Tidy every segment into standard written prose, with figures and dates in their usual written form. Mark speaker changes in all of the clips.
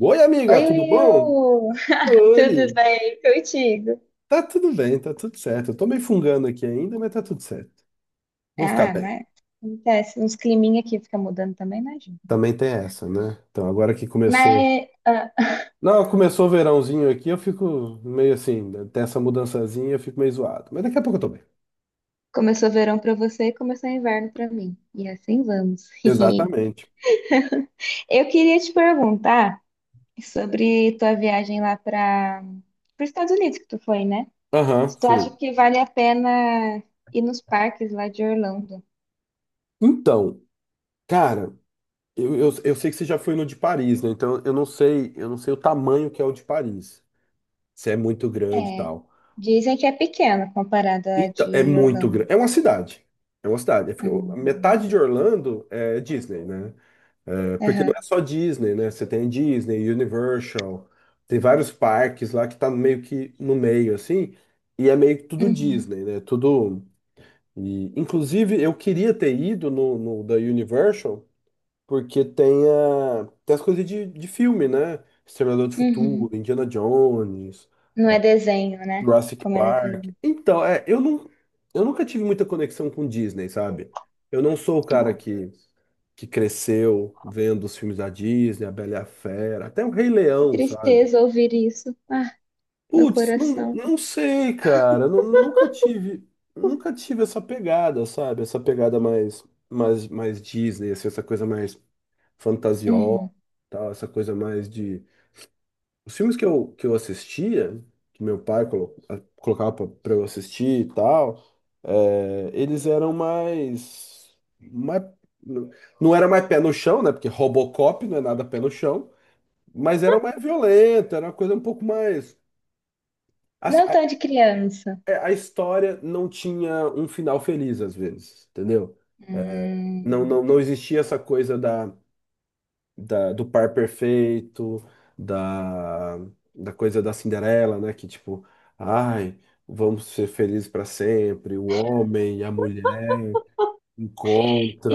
Speaker 1: Oi, amiga,
Speaker 2: Oi,
Speaker 1: tudo bom?
Speaker 2: Will! Tudo
Speaker 1: Oi.
Speaker 2: bem contigo?
Speaker 1: Tá tudo bem, tá tudo certo. Eu tô meio fungando aqui ainda, mas tá tudo certo. Vou ficar
Speaker 2: Ah,
Speaker 1: bem.
Speaker 2: mas acontece. Uns climinha aqui fica mudando também, não ajuda.
Speaker 1: Também tem essa, né? Então, agora que começou.
Speaker 2: Mas ah,
Speaker 1: Não, começou o verãozinho aqui, eu fico meio assim, né? Tem essa mudançazinha, eu fico meio zoado. Mas daqui a pouco eu tô bem.
Speaker 2: começou verão pra você e começou inverno pra mim. E assim vamos.
Speaker 1: Exatamente.
Speaker 2: Eu queria te perguntar sobre tua viagem lá para os Estados Unidos que tu foi, né?
Speaker 1: Aham,
Speaker 2: Se tu acha
Speaker 1: fui.
Speaker 2: que vale a pena ir nos parques lá de Orlando?
Speaker 1: Então, cara, eu sei que você já foi no de Paris, né? Então eu não sei o tamanho que é o de Paris. Se é muito grande e
Speaker 2: É,
Speaker 1: tal.
Speaker 2: dizem que é pequeno comparada à
Speaker 1: Então, é
Speaker 2: de
Speaker 1: muito
Speaker 2: Orlando.
Speaker 1: grande. É uma cidade. É uma cidade.
Speaker 2: Hum,
Speaker 1: Metade de Orlando é Disney, né? É, porque não
Speaker 2: aham.
Speaker 1: é só Disney, né? Você tem Disney, Universal, tem vários parques lá que tá meio que no meio, assim, e é meio que tudo
Speaker 2: Uhum.
Speaker 1: Disney, né? Tudo. E, inclusive, eu queria ter ido no da Universal, porque tem, a, tem as coisas de filme, né? Exterminador do Futuro,
Speaker 2: Uhum.
Speaker 1: Indiana Jones.
Speaker 2: Não é desenho, né?
Speaker 1: Jurassic
Speaker 2: Como ela diz.
Speaker 1: Park. Então, é, eu não, eu nunca tive muita conexão com Disney, sabe? Eu não sou o cara
Speaker 2: Ah,
Speaker 1: que, cresceu vendo os filmes da Disney, A Bela e a Fera, até o Rei
Speaker 2: que
Speaker 1: Leão, sabe?
Speaker 2: tristeza ouvir isso. Ah, meu
Speaker 1: Putz, não,
Speaker 2: coração.
Speaker 1: não sei, cara. Nunca tive essa pegada, sabe? Essa pegada mais, mais Disney, assim, essa coisa mais fantasiosa,
Speaker 2: Uhum.
Speaker 1: tal, essa coisa mais de. Os filmes que eu assistia, que meu pai colocava pra eu assistir e tal, é, eles eram mais, mais. Não era mais pé no chão, né? Porque Robocop não é nada pé no chão, mas era mais violento, era uma coisa um pouco mais. A,
Speaker 2: Não
Speaker 1: a,
Speaker 2: tão de criança.
Speaker 1: é, a história não tinha um final feliz, às vezes, entendeu? É,
Speaker 2: Hum.
Speaker 1: não existia essa coisa da. Do par perfeito, da, da coisa da Cinderela, né? Que tipo, ai, vamos ser felizes para sempre. O homem e a mulher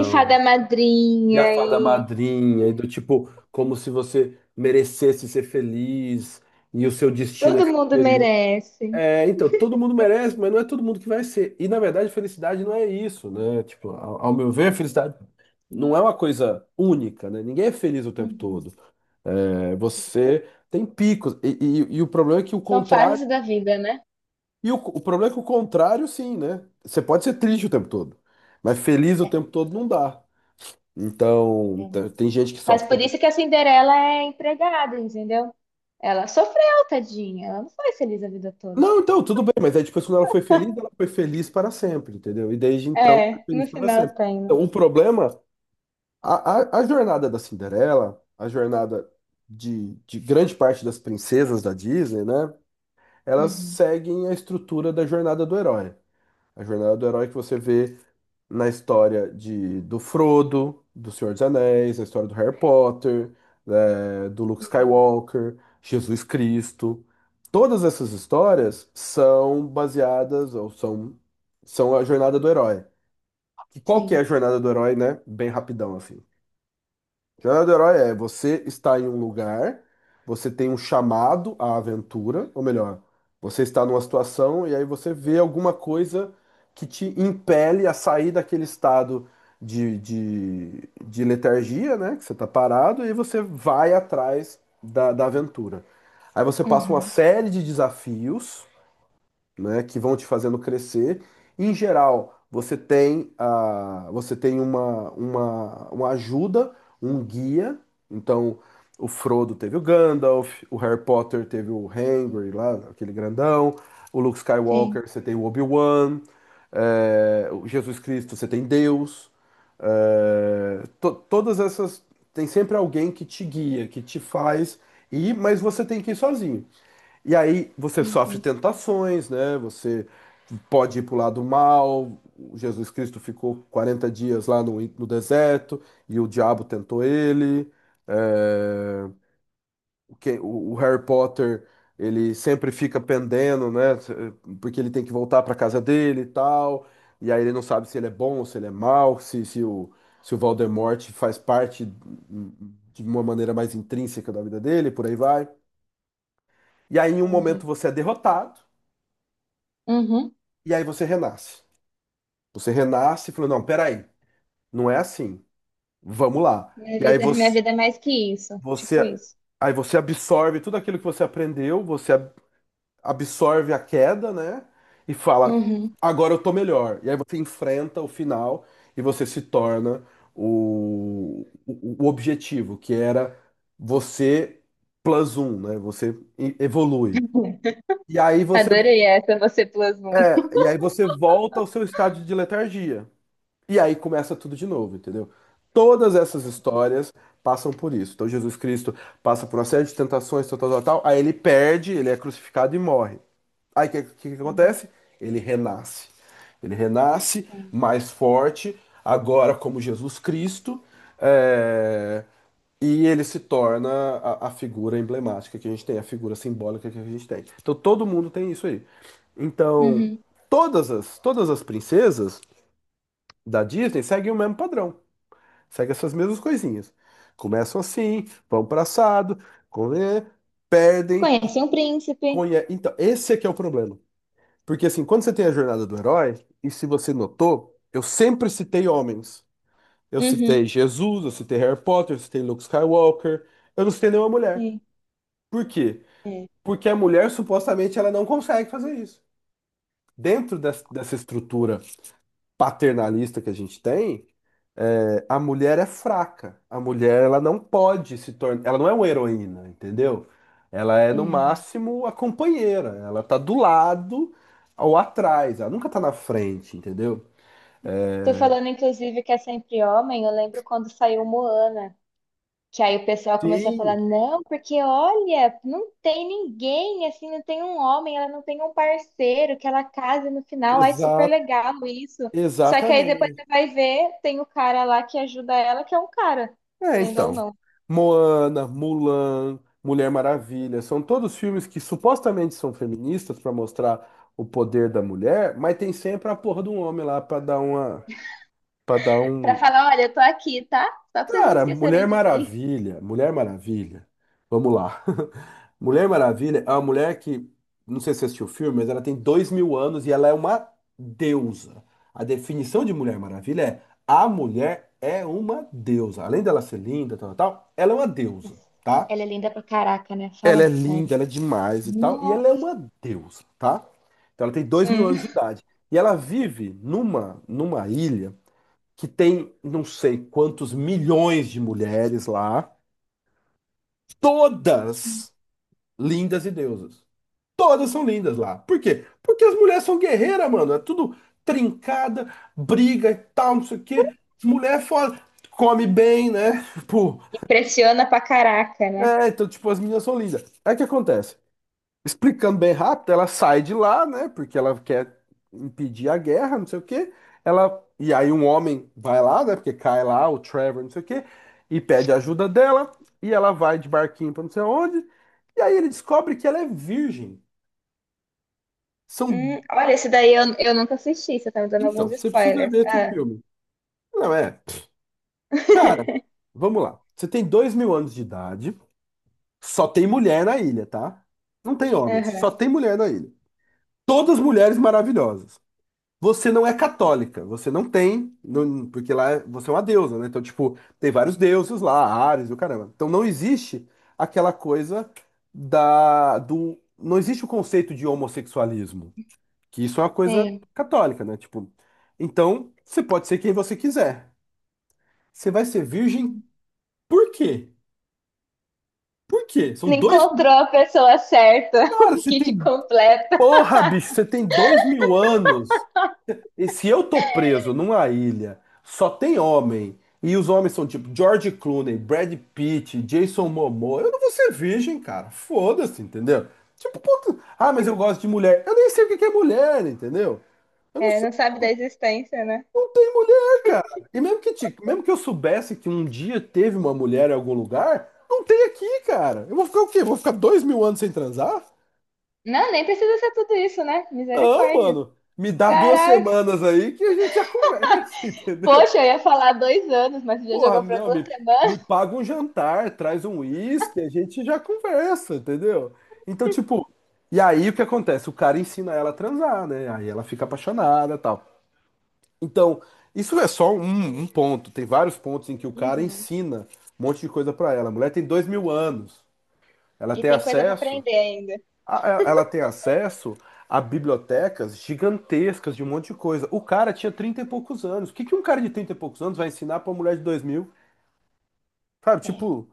Speaker 2: E fada
Speaker 1: E a
Speaker 2: madrinha,
Speaker 1: fada
Speaker 2: e
Speaker 1: madrinha, e do tipo, como se você merecesse ser feliz, e o seu destino é
Speaker 2: todo
Speaker 1: ser
Speaker 2: mundo
Speaker 1: feliz.
Speaker 2: merece.
Speaker 1: É, então, todo mundo merece, mas não é todo mundo que vai ser. E na verdade, felicidade não é isso, né? Tipo, ao meu ver, felicidade não é uma coisa única, né? Ninguém é feliz o tempo
Speaker 2: Uhum.
Speaker 1: todo. É, você tem picos. E, e o problema é que o
Speaker 2: São
Speaker 1: contrário.
Speaker 2: fases da vida, né?
Speaker 1: E o problema é que o contrário, sim, né? Você pode ser triste o tempo todo, mas feliz o tempo todo não dá. Então,
Speaker 2: Realmente.
Speaker 1: tem gente que só
Speaker 2: Mas
Speaker 1: fica.
Speaker 2: por isso que a Cinderela é empregada, entendeu? Ela sofreu, tadinha. Ela não foi feliz a vida toda.
Speaker 1: Não, então, tudo bem, mas aí depois quando ela foi feliz para sempre, entendeu? E desde então, foi
Speaker 2: É, no
Speaker 1: feliz para
Speaker 2: final
Speaker 1: sempre.
Speaker 2: tem, né?
Speaker 1: Então, o problema. A, a jornada da Cinderela, a jornada de grande parte das princesas da Disney, né? Elas
Speaker 2: Uhum.
Speaker 1: seguem a estrutura da jornada do herói. A jornada do herói que você vê na história do Frodo, do Senhor dos Anéis, na história do Harry Potter, do Luke Skywalker, Jesus Cristo. Todas essas histórias são baseadas ou são, são a jornada do herói. E qual que é
Speaker 2: Sim.
Speaker 1: a jornada do herói, né? Bem rapidão, assim. Jornada do Herói é você está em um lugar, você tem um chamado à aventura, ou melhor, você está numa situação e aí você vê alguma coisa que te impele a sair daquele estado de letargia, né? Que você está parado e você vai atrás da, da aventura. Aí você passa uma
Speaker 2: Uhum.
Speaker 1: série de desafios, né, que vão te fazendo crescer. Em geral, você tem, a, você tem uma ajuda, um guia. Então, o Frodo teve o Gandalf, o Harry Potter teve o Hagrid lá, aquele grandão. O Luke
Speaker 2: Sim.
Speaker 1: Skywalker, você tem o Obi-Wan. É, o Jesus Cristo, você tem Deus. É, todas essas... Tem sempre alguém que te guia, que te faz ir, mas você tem que ir sozinho. E aí você sofre
Speaker 2: Entendi.
Speaker 1: tentações, né? Você pode ir para o lado mal. Jesus Cristo ficou 40 dias lá no deserto e o diabo tentou ele. É, o Harry Potter, ele sempre fica pendendo, né? Porque ele tem que voltar para casa dele e tal. E aí ele não sabe se ele é bom ou se ele é mau, se o, se o Voldemort faz parte de uma maneira mais intrínseca da vida dele, por aí vai. E aí, em um momento,
Speaker 2: Entendi.
Speaker 1: você é derrotado.
Speaker 2: Uhum.
Speaker 1: E aí você renasce. Você renasce e falou, não, peraí, não é assim. Vamos lá. E aí
Speaker 2: Minha vida é mais que isso. Tipo
Speaker 1: você,
Speaker 2: isso.
Speaker 1: aí você absorve tudo aquilo que você aprendeu, você absorve a queda, né? E fala,
Speaker 2: Uhum.
Speaker 1: agora eu tô melhor. E aí você enfrenta o final e você se torna o objetivo, que era você plus um, né? Você evolui. E aí você,
Speaker 2: Adorei essa, você plus um.
Speaker 1: é, e aí você volta ao seu estado de letargia. E aí começa tudo de novo, entendeu? Todas essas histórias passam por isso. Então Jesus Cristo passa por uma série de tentações, tal, tal, tal, tal. Aí ele perde, ele é crucificado e morre. Aí o que, que
Speaker 2: Uhum.
Speaker 1: acontece? Ele renasce. Ele renasce
Speaker 2: É.
Speaker 1: mais forte, agora como Jesus Cristo, é, e ele se torna a figura emblemática que a gente tem, a figura simbólica que a gente tem. Então todo mundo tem isso aí. Então,
Speaker 2: Uhum.
Speaker 1: todas as princesas da Disney seguem o mesmo padrão, seguem essas mesmas coisinhas. Começam assim, vão para assado, come- perdem,
Speaker 2: Conheci um príncipe.
Speaker 1: conhe... Então, esse é que é o problema. Porque assim, quando você tem a jornada do herói, e se você notou, eu sempre citei homens. Eu citei
Speaker 2: Uhum.
Speaker 1: Jesus, eu citei Harry Potter, eu citei Luke Skywalker, eu não citei nenhuma mulher.
Speaker 2: Sim.
Speaker 1: Por quê?
Speaker 2: É.
Speaker 1: Porque a mulher supostamente ela não consegue fazer isso. Dentro dessa estrutura paternalista que a gente tem, é, a mulher é fraca. A mulher, ela não pode se tornar. Ela não é uma heroína, entendeu? Ela é, no
Speaker 2: Uhum.
Speaker 1: máximo, a companheira. Ela tá do lado ou atrás. Ela nunca tá na frente, entendeu?
Speaker 2: Tô falando, inclusive, que é sempre homem. Eu lembro quando saiu Moana. Que aí o pessoal começou a falar,
Speaker 1: Sim,
Speaker 2: não, porque olha, não tem ninguém, assim, não tem um homem, ela não tem um parceiro que ela case no final, ai, super
Speaker 1: exa
Speaker 2: legal isso. Só que aí depois
Speaker 1: exatamente.
Speaker 2: você vai ver, tem o cara lá que ajuda ela, que é um cara,
Speaker 1: É,
Speaker 2: querendo ou
Speaker 1: então.
Speaker 2: não.
Speaker 1: Moana, Mulan, Mulher Maravilha, são todos filmes que supostamente são feministas para mostrar o poder da mulher, mas tem sempre a porra de um homem lá para dar uma. Pra dar
Speaker 2: Pra
Speaker 1: um.
Speaker 2: falar, olha, eu tô aqui, tá? Só pra vocês não
Speaker 1: Cara, Mulher
Speaker 2: esquecerem de mim.
Speaker 1: Maravilha. Mulher Maravilha. Vamos lá. Mulher Maravilha é uma mulher que. Não sei se você assistiu o filme, mas ela tem 2.000 anos e ela é uma deusa. A definição de Mulher Maravilha é a mulher é uma deusa. Além dela ser linda, tal, tal, tal, ela é uma deusa, tá?
Speaker 2: Ela é linda pra caraca, né?
Speaker 1: Ela
Speaker 2: Fala
Speaker 1: é linda,
Speaker 2: sério.
Speaker 1: ela é demais e tal. E ela é
Speaker 2: Nossa.
Speaker 1: uma deusa, tá? Então ela tem dois mil
Speaker 2: Hum.
Speaker 1: anos de idade. E ela vive numa ilha. Que tem não sei quantos milhões de mulheres lá, todas lindas e deusas. Todas são lindas lá. Por quê? Porque as mulheres são guerreiras, mano. É tudo trincada, briga e tal, não sei o quê. Mulher é foda, come bem, né? Tipo,
Speaker 2: Impressiona pra caraca, né?
Speaker 1: é, então, tipo, as meninas são lindas. Aí o que acontece? Explicando bem rápido, ela sai de lá, né? Porque ela quer impedir a guerra, não sei o quê. Ela, e aí um homem vai lá, né? Porque cai lá o Trevor, não sei o quê, e pede ajuda dela, e ela vai de barquinho pra não sei onde. E aí ele descobre que ela é virgem. São,
Speaker 2: Olha, esse daí eu nunca assisti, você tá me dando
Speaker 1: então,
Speaker 2: alguns
Speaker 1: você precisa
Speaker 2: spoilers.
Speaker 1: ver esse
Speaker 2: Ah,
Speaker 1: filme. Não é? Cara, vamos lá. Você tem 2.000 anos de idade, só tem mulher na ilha, tá? Não tem homens.
Speaker 2: aham.
Speaker 1: Só tem mulher na ilha. Todas mulheres maravilhosas. Você não é católica, você não tem, não- porque lá você é uma deusa, né? Então, tipo, tem vários deuses lá, Ares e o caramba. Então não existe aquela coisa não existe o conceito de homossexualismo, que isso é uma coisa
Speaker 2: Sim.
Speaker 1: católica, né? Tipo, então você pode ser quem você quiser. Você vai ser virgem por quê? Por quê? São
Speaker 2: Não
Speaker 1: dois,
Speaker 2: encontrou a pessoa certa,
Speaker 1: cara,
Speaker 2: o
Speaker 1: você
Speaker 2: kit
Speaker 1: tem,
Speaker 2: completa.
Speaker 1: porra, bicho, você tem 2.000 anos. E se eu tô preso numa ilha, só tem homem, e os homens são tipo George Clooney, Brad Pitt, Jason Momoa, eu não vou ser virgem, cara. Foda-se, entendeu? Tipo, puta, ah, mas eu gosto de mulher. Eu nem sei o que que é mulher, entendeu? Eu não
Speaker 2: É,
Speaker 1: sei,
Speaker 2: não sabe da existência, né?
Speaker 1: não tem mulher, cara. E mesmo que, mesmo que eu soubesse que um dia teve uma mulher em algum lugar, não tem aqui, cara. Eu vou ficar o quê? Vou ficar 2.000 anos sem transar?
Speaker 2: Não, nem precisa ser tudo isso, né?
Speaker 1: Não,
Speaker 2: Misericórdia.
Speaker 1: mano. Me dá duas
Speaker 2: Caraca.
Speaker 1: semanas aí que a gente já conversa, entendeu?
Speaker 2: Poxa, eu ia falar dois anos, mas você já
Speaker 1: Porra,
Speaker 2: jogou pra
Speaker 1: não,
Speaker 2: duas
Speaker 1: me
Speaker 2: semanas.
Speaker 1: paga um jantar, traz um uísque, a gente já conversa, entendeu? Então, tipo, e aí o que acontece? O cara ensina ela a transar, né? Aí ela fica apaixonada e tal. Então, isso é só um, um ponto. Tem vários pontos em que o cara
Speaker 2: Uhum.
Speaker 1: ensina um monte de coisa pra ela. A mulher tem 2000 anos. Ela
Speaker 2: E
Speaker 1: tem
Speaker 2: tem coisa pra
Speaker 1: acesso.
Speaker 2: aprender ainda.
Speaker 1: Ela tem acesso a bibliotecas gigantescas de um monte de coisa. O cara tinha 30 e poucos anos. O que que um cara de 30 e poucos anos vai ensinar pra uma mulher de 2000? Cara,
Speaker 2: É.
Speaker 1: tipo,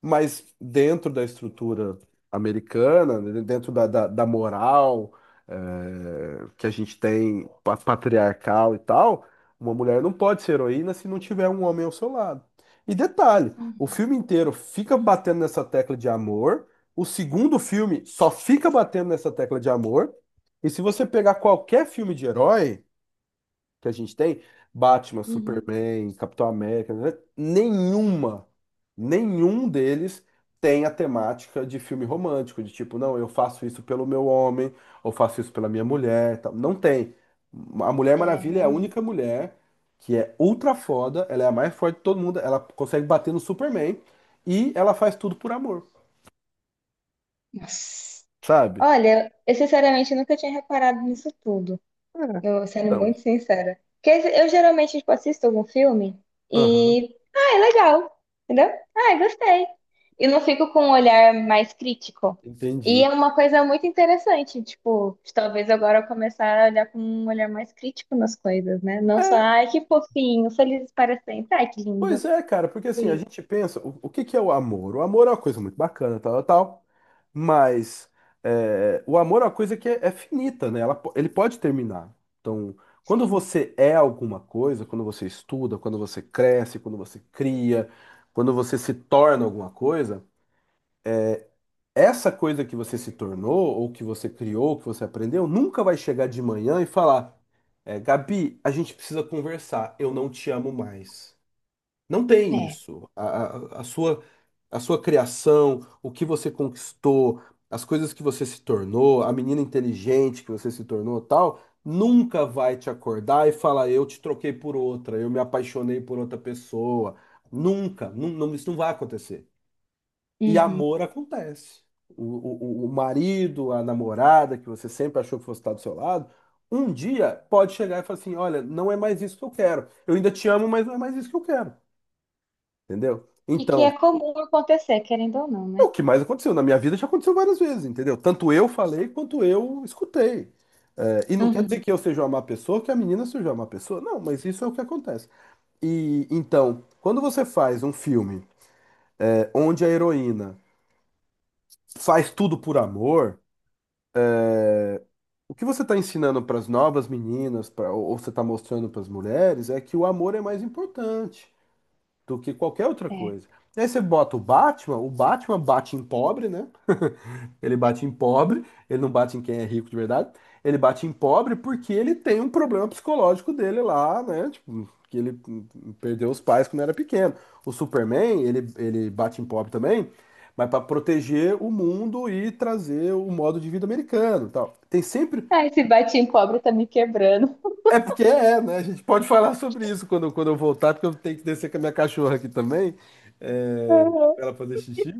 Speaker 1: mas dentro da estrutura americana, né, dentro da moral que a gente tem patriarcal e tal, uma mulher não pode ser heroína se não tiver um homem ao seu lado. E detalhe, o filme inteiro fica batendo nessa tecla de amor, o segundo filme só fica batendo nessa tecla de amor, e se você pegar qualquer filme de herói que a gente tem, Batman,
Speaker 2: Uhum.
Speaker 1: Superman, Capitão América, né? Nenhum deles tem a temática de filme romântico, de tipo, não, eu faço isso pelo meu homem, ou faço isso pela minha mulher, tal. Não tem. A Mulher
Speaker 2: É,
Speaker 1: Maravilha é a
Speaker 2: realmente.
Speaker 1: única mulher que é ultra foda, ela é a mais forte de todo mundo, ela consegue bater no Superman e ela faz tudo por amor,
Speaker 2: Nossa.
Speaker 1: sabe?
Speaker 2: Olha, eu sinceramente nunca tinha reparado nisso tudo.
Speaker 1: É.
Speaker 2: Eu, sendo
Speaker 1: Então,
Speaker 2: muito sincera. Porque eu geralmente, tipo, assisto algum filme
Speaker 1: aham,
Speaker 2: e. Ah, é legal. Entendeu? Ah, gostei. E não fico com um olhar mais crítico. E é
Speaker 1: entendi.
Speaker 2: uma coisa muito interessante, tipo, de talvez agora eu começar a olhar com um olhar mais crítico nas coisas, né? Não só, ai, que fofinho, felizes para sempre, ai, que lindo.
Speaker 1: Pois é, cara, porque assim, a
Speaker 2: Sim.
Speaker 1: gente pensa, o que que é o amor? O amor é uma coisa muito bacana, tal, tal, tal, mas é, o amor é uma coisa é finita, né? Ele pode terminar. Então, quando
Speaker 2: Sim.
Speaker 1: você é alguma coisa, quando você estuda, quando você cresce, quando você cria, quando você se torna alguma coisa, essa coisa que você se tornou, ou que você criou, ou que você aprendeu, nunca vai chegar de manhã e falar, é, Gabi, a gente precisa conversar, eu não te amo mais. Não tem
Speaker 2: É.
Speaker 1: isso. A sua, a sua criação, o que você conquistou, as coisas que você se tornou, a menina inteligente que você se tornou, tal, nunca vai te acordar e falar, eu te troquei por outra, eu me apaixonei por outra pessoa. Nunca, não, não, isso não vai acontecer. E
Speaker 2: Uhum.
Speaker 1: amor acontece. O marido, a namorada que você sempre achou que fosse estar do seu lado, um dia pode chegar e falar assim: olha, não é mais isso que eu quero. Eu ainda te amo, mas não é mais isso que eu quero. Entendeu?
Speaker 2: E que é
Speaker 1: Então,
Speaker 2: comum acontecer, querendo ou não,
Speaker 1: é o
Speaker 2: né?
Speaker 1: que mais aconteceu. Na minha vida já aconteceu várias vezes, entendeu? Tanto eu falei quanto eu escutei. É, e não quer
Speaker 2: Uhum.
Speaker 1: dizer que eu seja uma má pessoa, que a menina seja uma má pessoa. Não, mas isso é o que acontece. E então, quando você faz um filme é, onde a heroína faz tudo por amor, o que você está ensinando para as novas meninas, pra, ou você está mostrando para as mulheres, é que o amor é mais importante do que qualquer outra
Speaker 2: É.
Speaker 1: coisa. E aí você bota o Batman bate em pobre, né? Ele bate em pobre, ele não bate em quem é rico de verdade. Ele bate em pobre porque ele tem um problema psicológico dele lá, né? Tipo, que ele perdeu os pais quando era pequeno. O Superman, ele bate em pobre também, mas para proteger o mundo e trazer o modo de vida americano, e tal. Tem sempre
Speaker 2: Ai, esse batim pobre tá me quebrando.
Speaker 1: é porque é, né? A gente pode falar sobre isso quando, quando eu voltar, porque eu tenho que descer com a minha cachorra aqui também, é,
Speaker 2: Uhum.
Speaker 1: para ela fazer xixi.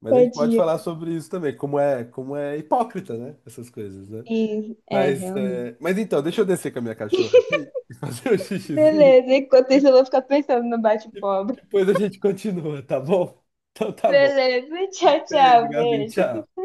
Speaker 1: Mas a gente pode
Speaker 2: Tadinha.
Speaker 1: falar sobre isso também, como é hipócrita, né? Essas coisas, né?
Speaker 2: Sim, é,
Speaker 1: Mas,
Speaker 2: realmente.
Speaker 1: é, mas então, deixa eu descer com a minha cachorra aqui e fazer um xixizinho
Speaker 2: Beleza, enquanto isso
Speaker 1: e
Speaker 2: eu vou ficar pensando no bate-pobre.
Speaker 1: depois a gente continua, tá bom? Então tá bom.
Speaker 2: Beleza, tchau, tchau,
Speaker 1: Beijo, Gabi.
Speaker 2: beijo.
Speaker 1: Tchau.